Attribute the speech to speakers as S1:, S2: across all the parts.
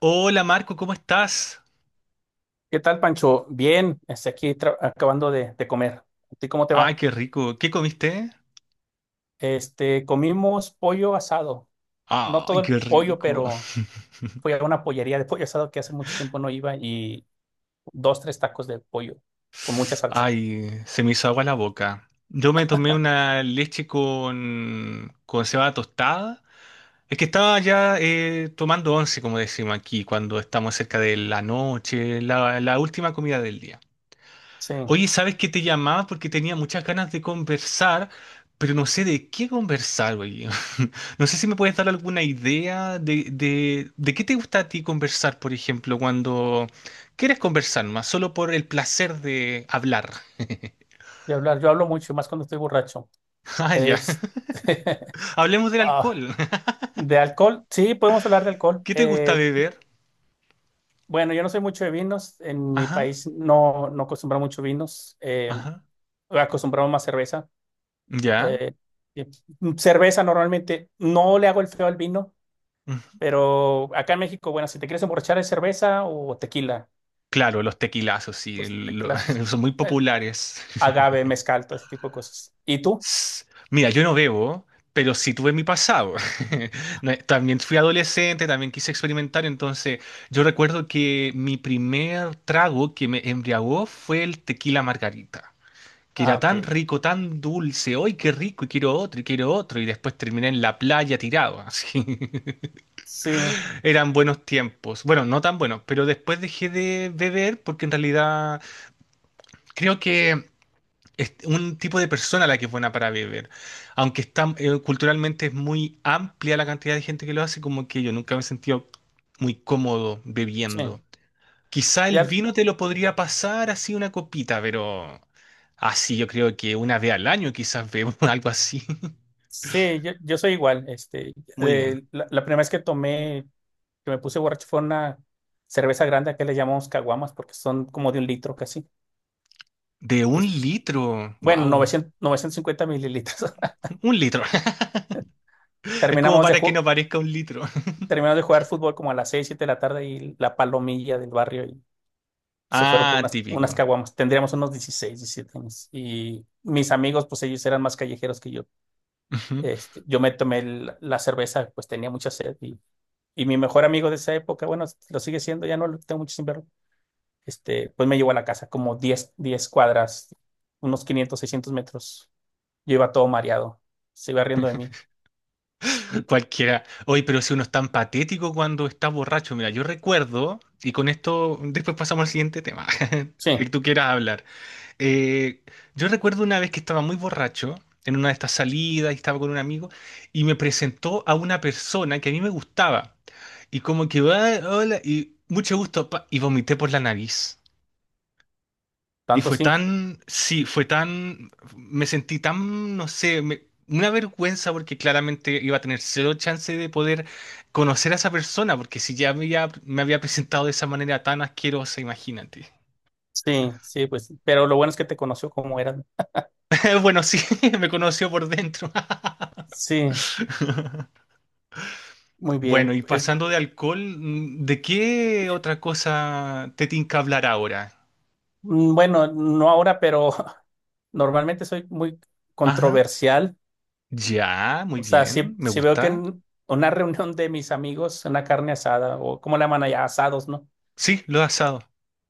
S1: Hola Marco, ¿cómo estás?
S2: ¿Qué tal, Pancho? Bien, aquí acabando de comer. ¿A ti cómo te
S1: Ay,
S2: va?
S1: qué rico. ¿Qué comiste?
S2: Comimos pollo asado. No
S1: Ay,
S2: todo el
S1: qué
S2: pollo,
S1: rico.
S2: pero fui a una pollería de pollo asado que hace mucho tiempo no iba y dos, tres tacos de pollo con mucha salsa.
S1: Ay, se me hizo agua la boca. Yo me tomé una leche con cebada tostada. Es que estaba ya tomando once, como decimos aquí, cuando estamos cerca de la noche, la última comida del día.
S2: Sí,
S1: Oye, ¿sabes qué te llamaba? Porque tenía muchas ganas de conversar, pero no sé de qué conversar, güey. No sé si me puedes dar alguna idea de qué te gusta a ti conversar, por ejemplo, cuando quieres conversar más, solo por el placer de hablar.
S2: de hablar. Yo hablo mucho, más cuando estoy borracho.
S1: Ah, ya.
S2: Este,
S1: Hablemos del
S2: ah,
S1: alcohol.
S2: de alcohol, sí, podemos hablar de alcohol.
S1: ¿Qué te gusta beber?
S2: Bueno, yo no soy mucho de vinos. En mi
S1: Ajá,
S2: país no acostumbro mucho vinos.
S1: ajá.
S2: Acostumbramos más cerveza.
S1: Ya.
S2: Eh, y cerveza normalmente no le hago el feo al vino,
S1: Mm.
S2: pero acá en México, bueno, si te quieres emborrachar es cerveza o tequila,
S1: Claro, los tequilazos, sí,
S2: pues tequila,
S1: son muy
S2: el
S1: populares.
S2: agave, mezcal, todo ese tipo de cosas. ¿Y tú?
S1: S- Mira, yo no bebo, pero sí tuve mi pasado. No, también fui adolescente, también quise experimentar, entonces yo recuerdo que mi primer trago que me embriagó fue el tequila margarita, que
S2: Ah,
S1: era
S2: ok.
S1: tan rico, tan dulce, ¡ay, qué rico! Y quiero otro, y quiero otro, y después terminé en la playa tirado, así.
S2: Sí,
S1: Eran buenos tiempos. Bueno, no tan buenos, pero después dejé de beber porque en realidad creo que es un tipo de persona la que es buena para beber. Aunque está, culturalmente es muy amplia la cantidad de gente que lo hace, como que yo nunca me he sentido muy cómodo
S2: sí.
S1: bebiendo. Quizá el
S2: Ya,
S1: vino te lo podría pasar así una copita, pero así yo creo que una vez al año quizás bebo algo así.
S2: sí, yo soy igual.
S1: Muy bien.
S2: La primera vez que tomé, que me puse borracho fue una cerveza grande, que le llamamos caguamas, porque son como de 1 litro casi.
S1: De un
S2: Es-
S1: litro.
S2: bueno,
S1: Wow,
S2: novecientos cincuenta mililitros.
S1: un litro. Es como
S2: Terminamos de,
S1: para que
S2: ju-
S1: no parezca un litro.
S2: Terminaron de jugar fútbol como a las 6 7 de la tarde y la palomilla del barrio y se fueron por
S1: Ah,
S2: unas,
S1: típico.
S2: unas caguamas. Tendríamos unos 16 17 años. Y mis amigos, pues ellos eran más callejeros que yo.
S1: Ujú.
S2: Yo me tomé la cerveza, pues tenía mucha sed y mi mejor amigo de esa época, bueno, lo sigue siendo, ya no lo tengo mucho sin verlo. Pues me llevó a la casa como diez cuadras, unos 500 600 metros. Yo iba todo mareado, se iba riendo de mí.
S1: Cualquiera. Oye, pero si uno es tan patético cuando está borracho, mira, yo recuerdo, y con esto después pasamos al siguiente tema, que
S2: Sí,
S1: tú quieras hablar. Eh, yo recuerdo una vez que estaba muy borracho en una de estas salidas y estaba con un amigo y me presentó a una persona que a mí me gustaba. Y como que, "Ah, hola, y mucho gusto, pa", y vomité por la nariz. Y
S2: tanto
S1: fue
S2: sí.
S1: tan, sí, fue tan, me sentí tan, no sé, una vergüenza porque claramente iba a tener cero chance de poder conocer a esa persona, porque si ya me había presentado de esa manera tan asquerosa, imagínate.
S2: Sí, sí, pues, pero lo bueno es que te conoció como eran.
S1: Bueno, sí, me conoció por dentro.
S2: Sí. Muy
S1: Bueno,
S2: bien.
S1: y pasando de alcohol, ¿de qué otra cosa te tinca hablar ahora?
S2: Bueno, no ahora, pero normalmente soy muy
S1: Ajá.
S2: controversial.
S1: Ya, muy
S2: O sea,
S1: bien,
S2: si,
S1: me
S2: si veo que
S1: gusta.
S2: en una reunión de mis amigos, una carne asada, o como le llaman allá, asados, ¿no?
S1: Sí, lo asado.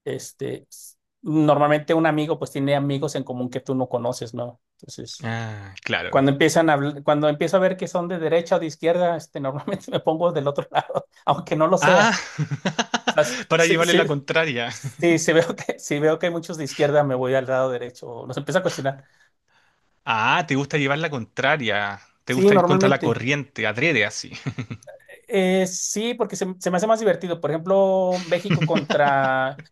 S2: Normalmente un amigo pues tiene amigos en común que tú no conoces, ¿no? Entonces,
S1: Ah, claro.
S2: cuando empiezo a ver que son de derecha o de izquierda, normalmente me pongo del otro lado, aunque no lo
S1: Ah,
S2: sea. O sea,
S1: para llevarle la contraria.
S2: sí, si veo que hay muchos de izquierda, me voy al lado derecho, o los empiezo a cuestionar.
S1: Ah, te gusta llevar la contraria. Te
S2: Sí,
S1: gusta ir contra la
S2: normalmente.
S1: corriente, adrede así.
S2: Sí, porque se me hace más divertido. Por ejemplo,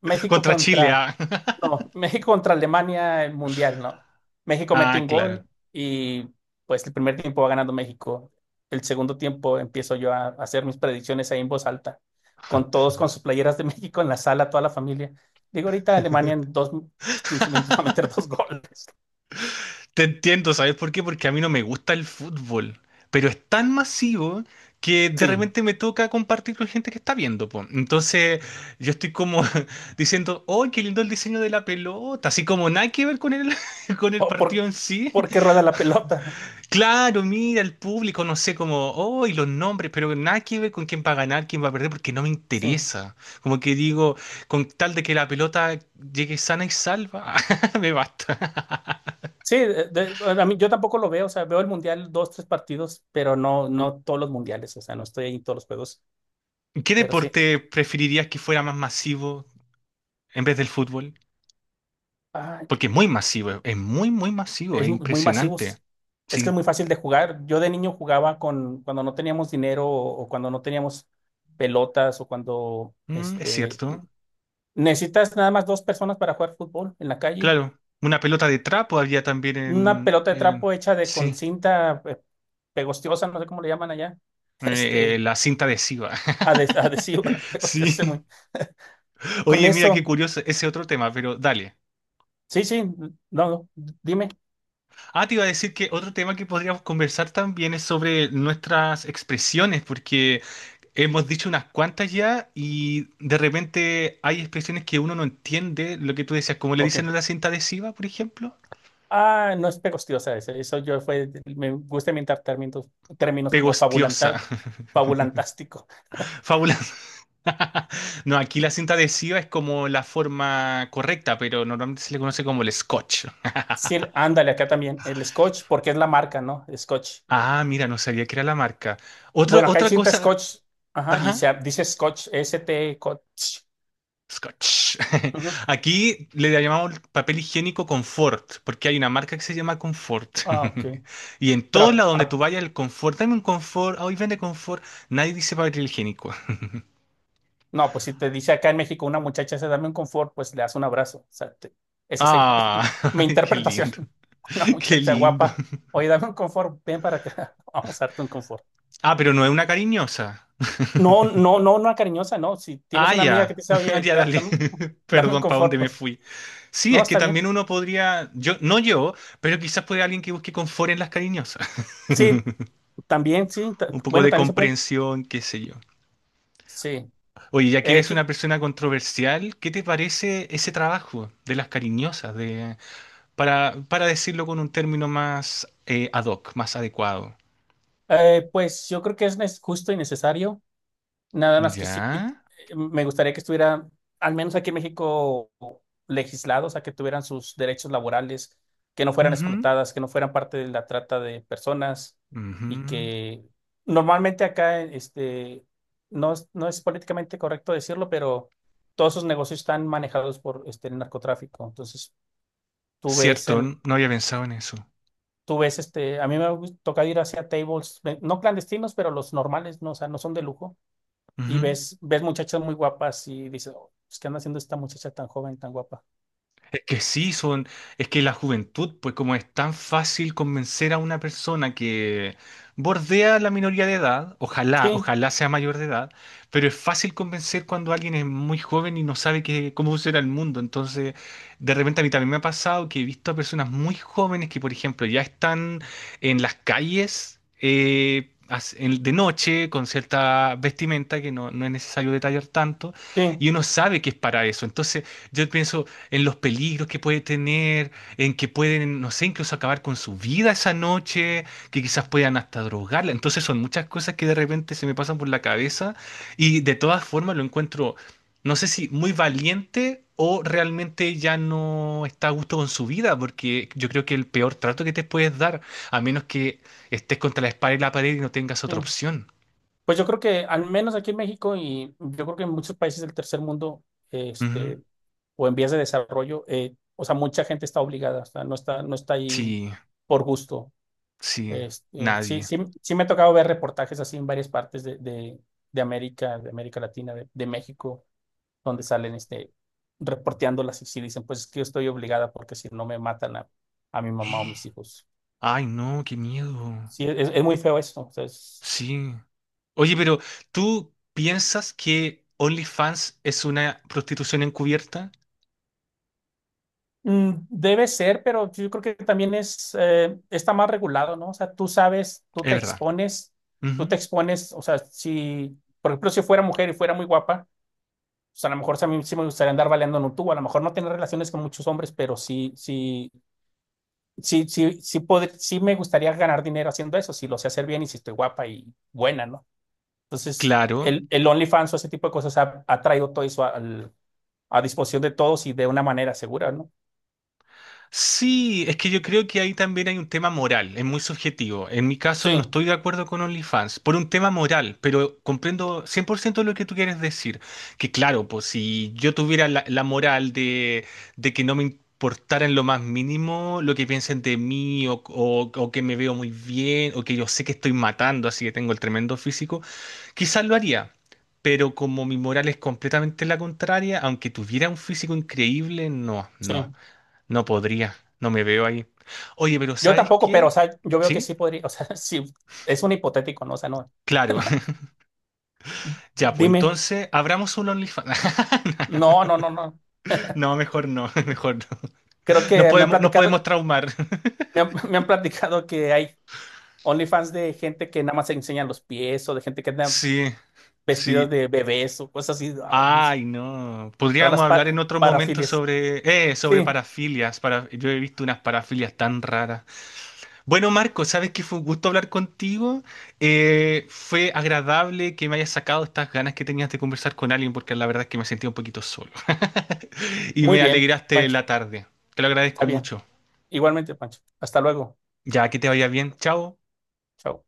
S2: México
S1: Contra Chile,
S2: contra
S1: ah.
S2: no, México contra Alemania el mundial, ¿no? México mete
S1: Ah,
S2: un
S1: claro.
S2: gol y pues el primer tiempo va ganando México. El segundo tiempo empiezo yo a hacer mis predicciones ahí en voz alta, con todos con sus playeras de México en la sala, toda la familia. Digo, ahorita Alemania en 15 minutos va a meter dos goles.
S1: Te entiendo, ¿sabes por qué? Porque a mí no me gusta el fútbol, pero es tan masivo que de
S2: Sí.
S1: repente me toca compartir con gente que está viendo, po. Entonces yo estoy como diciendo, ¡oh, qué lindo el diseño de la pelota! Así como nada que ver con el, con el
S2: O por,
S1: partido en sí.
S2: Porque rueda la pelota.
S1: Claro, mira, el público, no sé cómo, oh, y los nombres, pero nada que ver con quién va a ganar, quién va a perder, porque no me
S2: Sí.
S1: interesa. Como que digo, con tal de que la pelota llegue sana y salva, me basta.
S2: Sí, bueno, a mí, yo tampoco lo veo, o sea, veo el mundial dos, tres partidos, pero no todos los mundiales, o sea, no estoy ahí en todos los juegos,
S1: ¿Qué
S2: pero sí.
S1: deporte preferirías que fuera más masivo en vez del fútbol?
S2: Ay,
S1: Porque es muy masivo, es muy, muy masivo, es
S2: es muy
S1: impresionante.
S2: masivos. Es que
S1: Sí.
S2: es muy fácil de jugar. Yo de niño jugaba con cuando no teníamos dinero o cuando no teníamos pelotas o cuando
S1: Es cierto.
S2: necesitas nada más dos personas para jugar fútbol en la calle.
S1: Claro, una pelota de trapo había también
S2: Una
S1: en,
S2: pelota de trapo hecha de con
S1: sí,
S2: cinta pegostiosa, no sé cómo le llaman allá, este
S1: la cinta adhesiva.
S2: adhesiva,
S1: Sí.
S2: pegostiosa, muy. Con
S1: Oye, mira qué
S2: eso.
S1: curioso ese otro tema, pero dale.
S2: Sí, sí, no, no, dime.
S1: Ah, te iba a decir que otro tema que podríamos conversar también es sobre nuestras expresiones, porque hemos dicho unas cuantas ya y de repente hay expresiones que uno no entiende, lo que tú decías, como le
S2: Ok.
S1: dicen a la cinta adhesiva, por ejemplo.
S2: Ah, no es pegostiosa ese. Eso yo fue, me gusta inventar términos, como
S1: Pegostiosa,
S2: fabulantal, fabulantástico.
S1: fabulosa. No, aquí la cinta adhesiva es como la forma correcta, pero normalmente se le conoce como el scotch.
S2: Sí, ándale, acá también. El Scotch, porque es la marca, ¿no? Scotch.
S1: Ah, mira, no sabía que era la marca. Otra,
S2: Bueno, acá hay
S1: otra
S2: cinta
S1: cosa,
S2: Scotch. Ajá, y
S1: ajá.
S2: se dice Scotch, S-T, Scotch.
S1: Scotch.
S2: Ujú.
S1: Aquí le llamamos papel higiénico confort, porque hay una marca que se llama confort.
S2: Ah, ok.
S1: Y en
S2: Pero
S1: todos lados donde
S2: a.
S1: tú vayas, el confort, dame un confort, ah, hoy vende confort, nadie dice papel higiénico.
S2: No, pues si te dice acá en México una muchacha se dame un confort, pues le das un abrazo. O sea, esa sería
S1: Ah,
S2: mi
S1: ay, qué
S2: interpretación.
S1: lindo,
S2: Una
S1: qué
S2: muchacha
S1: lindo.
S2: guapa, oye, dame un confort, ven para acá, vamos a darte un confort.
S1: Ah, pero no es una cariñosa.
S2: No, no, no, no cariñosa, no. Si tienes
S1: Ah,
S2: una amiga que
S1: ya,
S2: te dice,
S1: ah,
S2: oye,
S1: ya, dale.
S2: dame, dame un
S1: Perdón, ¿para dónde
S2: confort,
S1: me
S2: pues
S1: fui? Sí,
S2: no,
S1: es que
S2: está bien.
S1: también uno podría, yo, no yo, pero quizás puede alguien que busque confort en las cariñosas.
S2: Sí, también, sí.
S1: Un poco
S2: Bueno,
S1: de
S2: también se pueden.
S1: comprensión, qué sé yo.
S2: Sí.
S1: Oye, ya que
S2: Eh,
S1: eres
S2: qui-
S1: una persona controversial, ¿qué te parece ese trabajo de las cariñosas, para decirlo con un término más ad hoc, más adecuado?
S2: pues yo creo que es justo y necesario. Nada más que sí,
S1: ¿Ya?
S2: me gustaría que estuviera, al menos aquí en México, legislado, o sea, que tuvieran sus derechos laborales, que no fueran
S1: Ujú,
S2: explotadas, que no fueran parte de la trata de personas y
S1: ujú.
S2: que normalmente acá, no es políticamente correcto decirlo, pero todos esos negocios están manejados por el narcotráfico. Entonces, tú ves
S1: Cierto,
S2: en...
S1: no había pensado en eso.
S2: tú ves, a mí me toca ir hacia tables, no clandestinos, pero los normales, no, o sea, no son de lujo y ves muchachas muy guapas y dices: "Oh, pues, ¿qué anda haciendo esta muchacha tan joven, tan guapa?"
S1: Es que sí, son, es que la juventud, pues como es tan fácil convencer a una persona que bordea la minoría de edad, ojalá,
S2: Sí,
S1: ojalá sea mayor de edad, pero es fácil convencer cuando alguien es muy joven y no sabe cómo funciona el mundo. Entonces, de repente a mí también me ha pasado que he visto a personas muy jóvenes que, por ejemplo, ya están en las calles de noche con cierta vestimenta que no, no es necesario detallar tanto,
S2: sí,
S1: y uno sabe que es para eso. Entonces, yo pienso en los peligros que puede tener, en que pueden, no sé, incluso acabar con su vida esa noche, que quizás puedan hasta drogarla. Entonces son muchas cosas que de repente se me pasan por la cabeza y de todas formas lo encuentro, no sé si muy valiente o realmente ya no está a gusto con su vida, porque yo creo que el peor trato que te puedes dar, a menos que estés contra la espada y la pared y no tengas
S2: sí.
S1: otra opción.
S2: Pues yo creo que al menos aquí en México y yo creo que en muchos países del tercer mundo,
S1: Ujú.
S2: este, o en vías de desarrollo, o sea, mucha gente está obligada, o sea, no está ahí
S1: Sí,
S2: por gusto.
S1: sí,
S2: Sí,
S1: nadie.
S2: sí, sí me ha tocado ver reportajes así en varias partes de América, de América Latina, de México, donde salen reporteándolas y sí dicen, pues es que yo estoy obligada porque si no me matan a mi mamá o mis hijos.
S1: Ay, no, qué miedo.
S2: Sí, es muy feo eso. O sea,
S1: Sí. Oye, pero ¿tú piensas que OnlyFans es una prostitución encubierta?
S2: debe ser, pero yo creo que también está más regulado, ¿no? O sea, tú sabes,
S1: Es verdad.
S2: tú
S1: Ujú.
S2: te expones, o sea, si, por ejemplo, si fuera mujer y fuera muy guapa, pues a lo mejor sí a mí sí me gustaría andar baleando en un tubo, a lo mejor no tener relaciones con muchos hombres, pero sí, sí, sí, sí, sí, sí me gustaría ganar dinero haciendo eso, si lo sé hacer bien y si estoy guapa y buena, ¿no? Entonces,
S1: Claro.
S2: el OnlyFans o ese tipo de cosas ha traído todo eso a disposición de todos y de una manera segura, ¿no?
S1: Sí, es que yo creo que ahí también hay un tema moral, es muy subjetivo. En mi caso no
S2: Sí,
S1: estoy de acuerdo con OnlyFans por un tema moral, pero comprendo 100% lo que tú quieres decir. Que claro, pues si yo tuviera la moral de que no me importara en lo más mínimo lo que piensen de mí o que me veo muy bien o que yo sé que estoy matando, así que tengo el tremendo físico, quizás lo haría. Pero como mi moral es completamente la contraria, aunque tuviera un físico increíble, no,
S2: sí.
S1: no. No podría, no me veo ahí. Oye, pero
S2: Yo
S1: ¿sabes
S2: tampoco, pero,
S1: qué?
S2: o sea, yo veo que
S1: ¿Sí?
S2: sí podría, o sea, sí, es un hipotético, ¿no? O sea, no.
S1: Claro. Ya, pues
S2: Dime.
S1: entonces abramos un OnlyFans.
S2: No, no, no, no.
S1: No, mejor no, mejor no.
S2: Creo
S1: Nos
S2: que me han
S1: podemos, nos
S2: platicado,
S1: podemos traumar.
S2: me han, me han platicado que hay OnlyFans de gente que nada más se enseñan los pies o de gente que anda
S1: Sí, sí.
S2: vestidas de bebés o cosas así, ah, dices,
S1: Ay, no.
S2: todas las
S1: Podríamos hablar en otro momento
S2: parafilias.
S1: sobre
S2: Sí,
S1: parafilias. Para, yo he visto unas parafilias tan raras. Bueno, Marco, sabes que fue un gusto hablar contigo. Fue agradable que me hayas sacado estas ganas que tenías de conversar con alguien, porque la verdad es que me sentía un poquito solo. Y
S2: muy
S1: me
S2: bien,
S1: alegraste
S2: Pancho.
S1: la tarde. Te lo
S2: Está
S1: agradezco
S2: bien.
S1: mucho.
S2: Igualmente, Pancho. Hasta luego.
S1: Ya, que te vaya bien. Chao.
S2: Chao.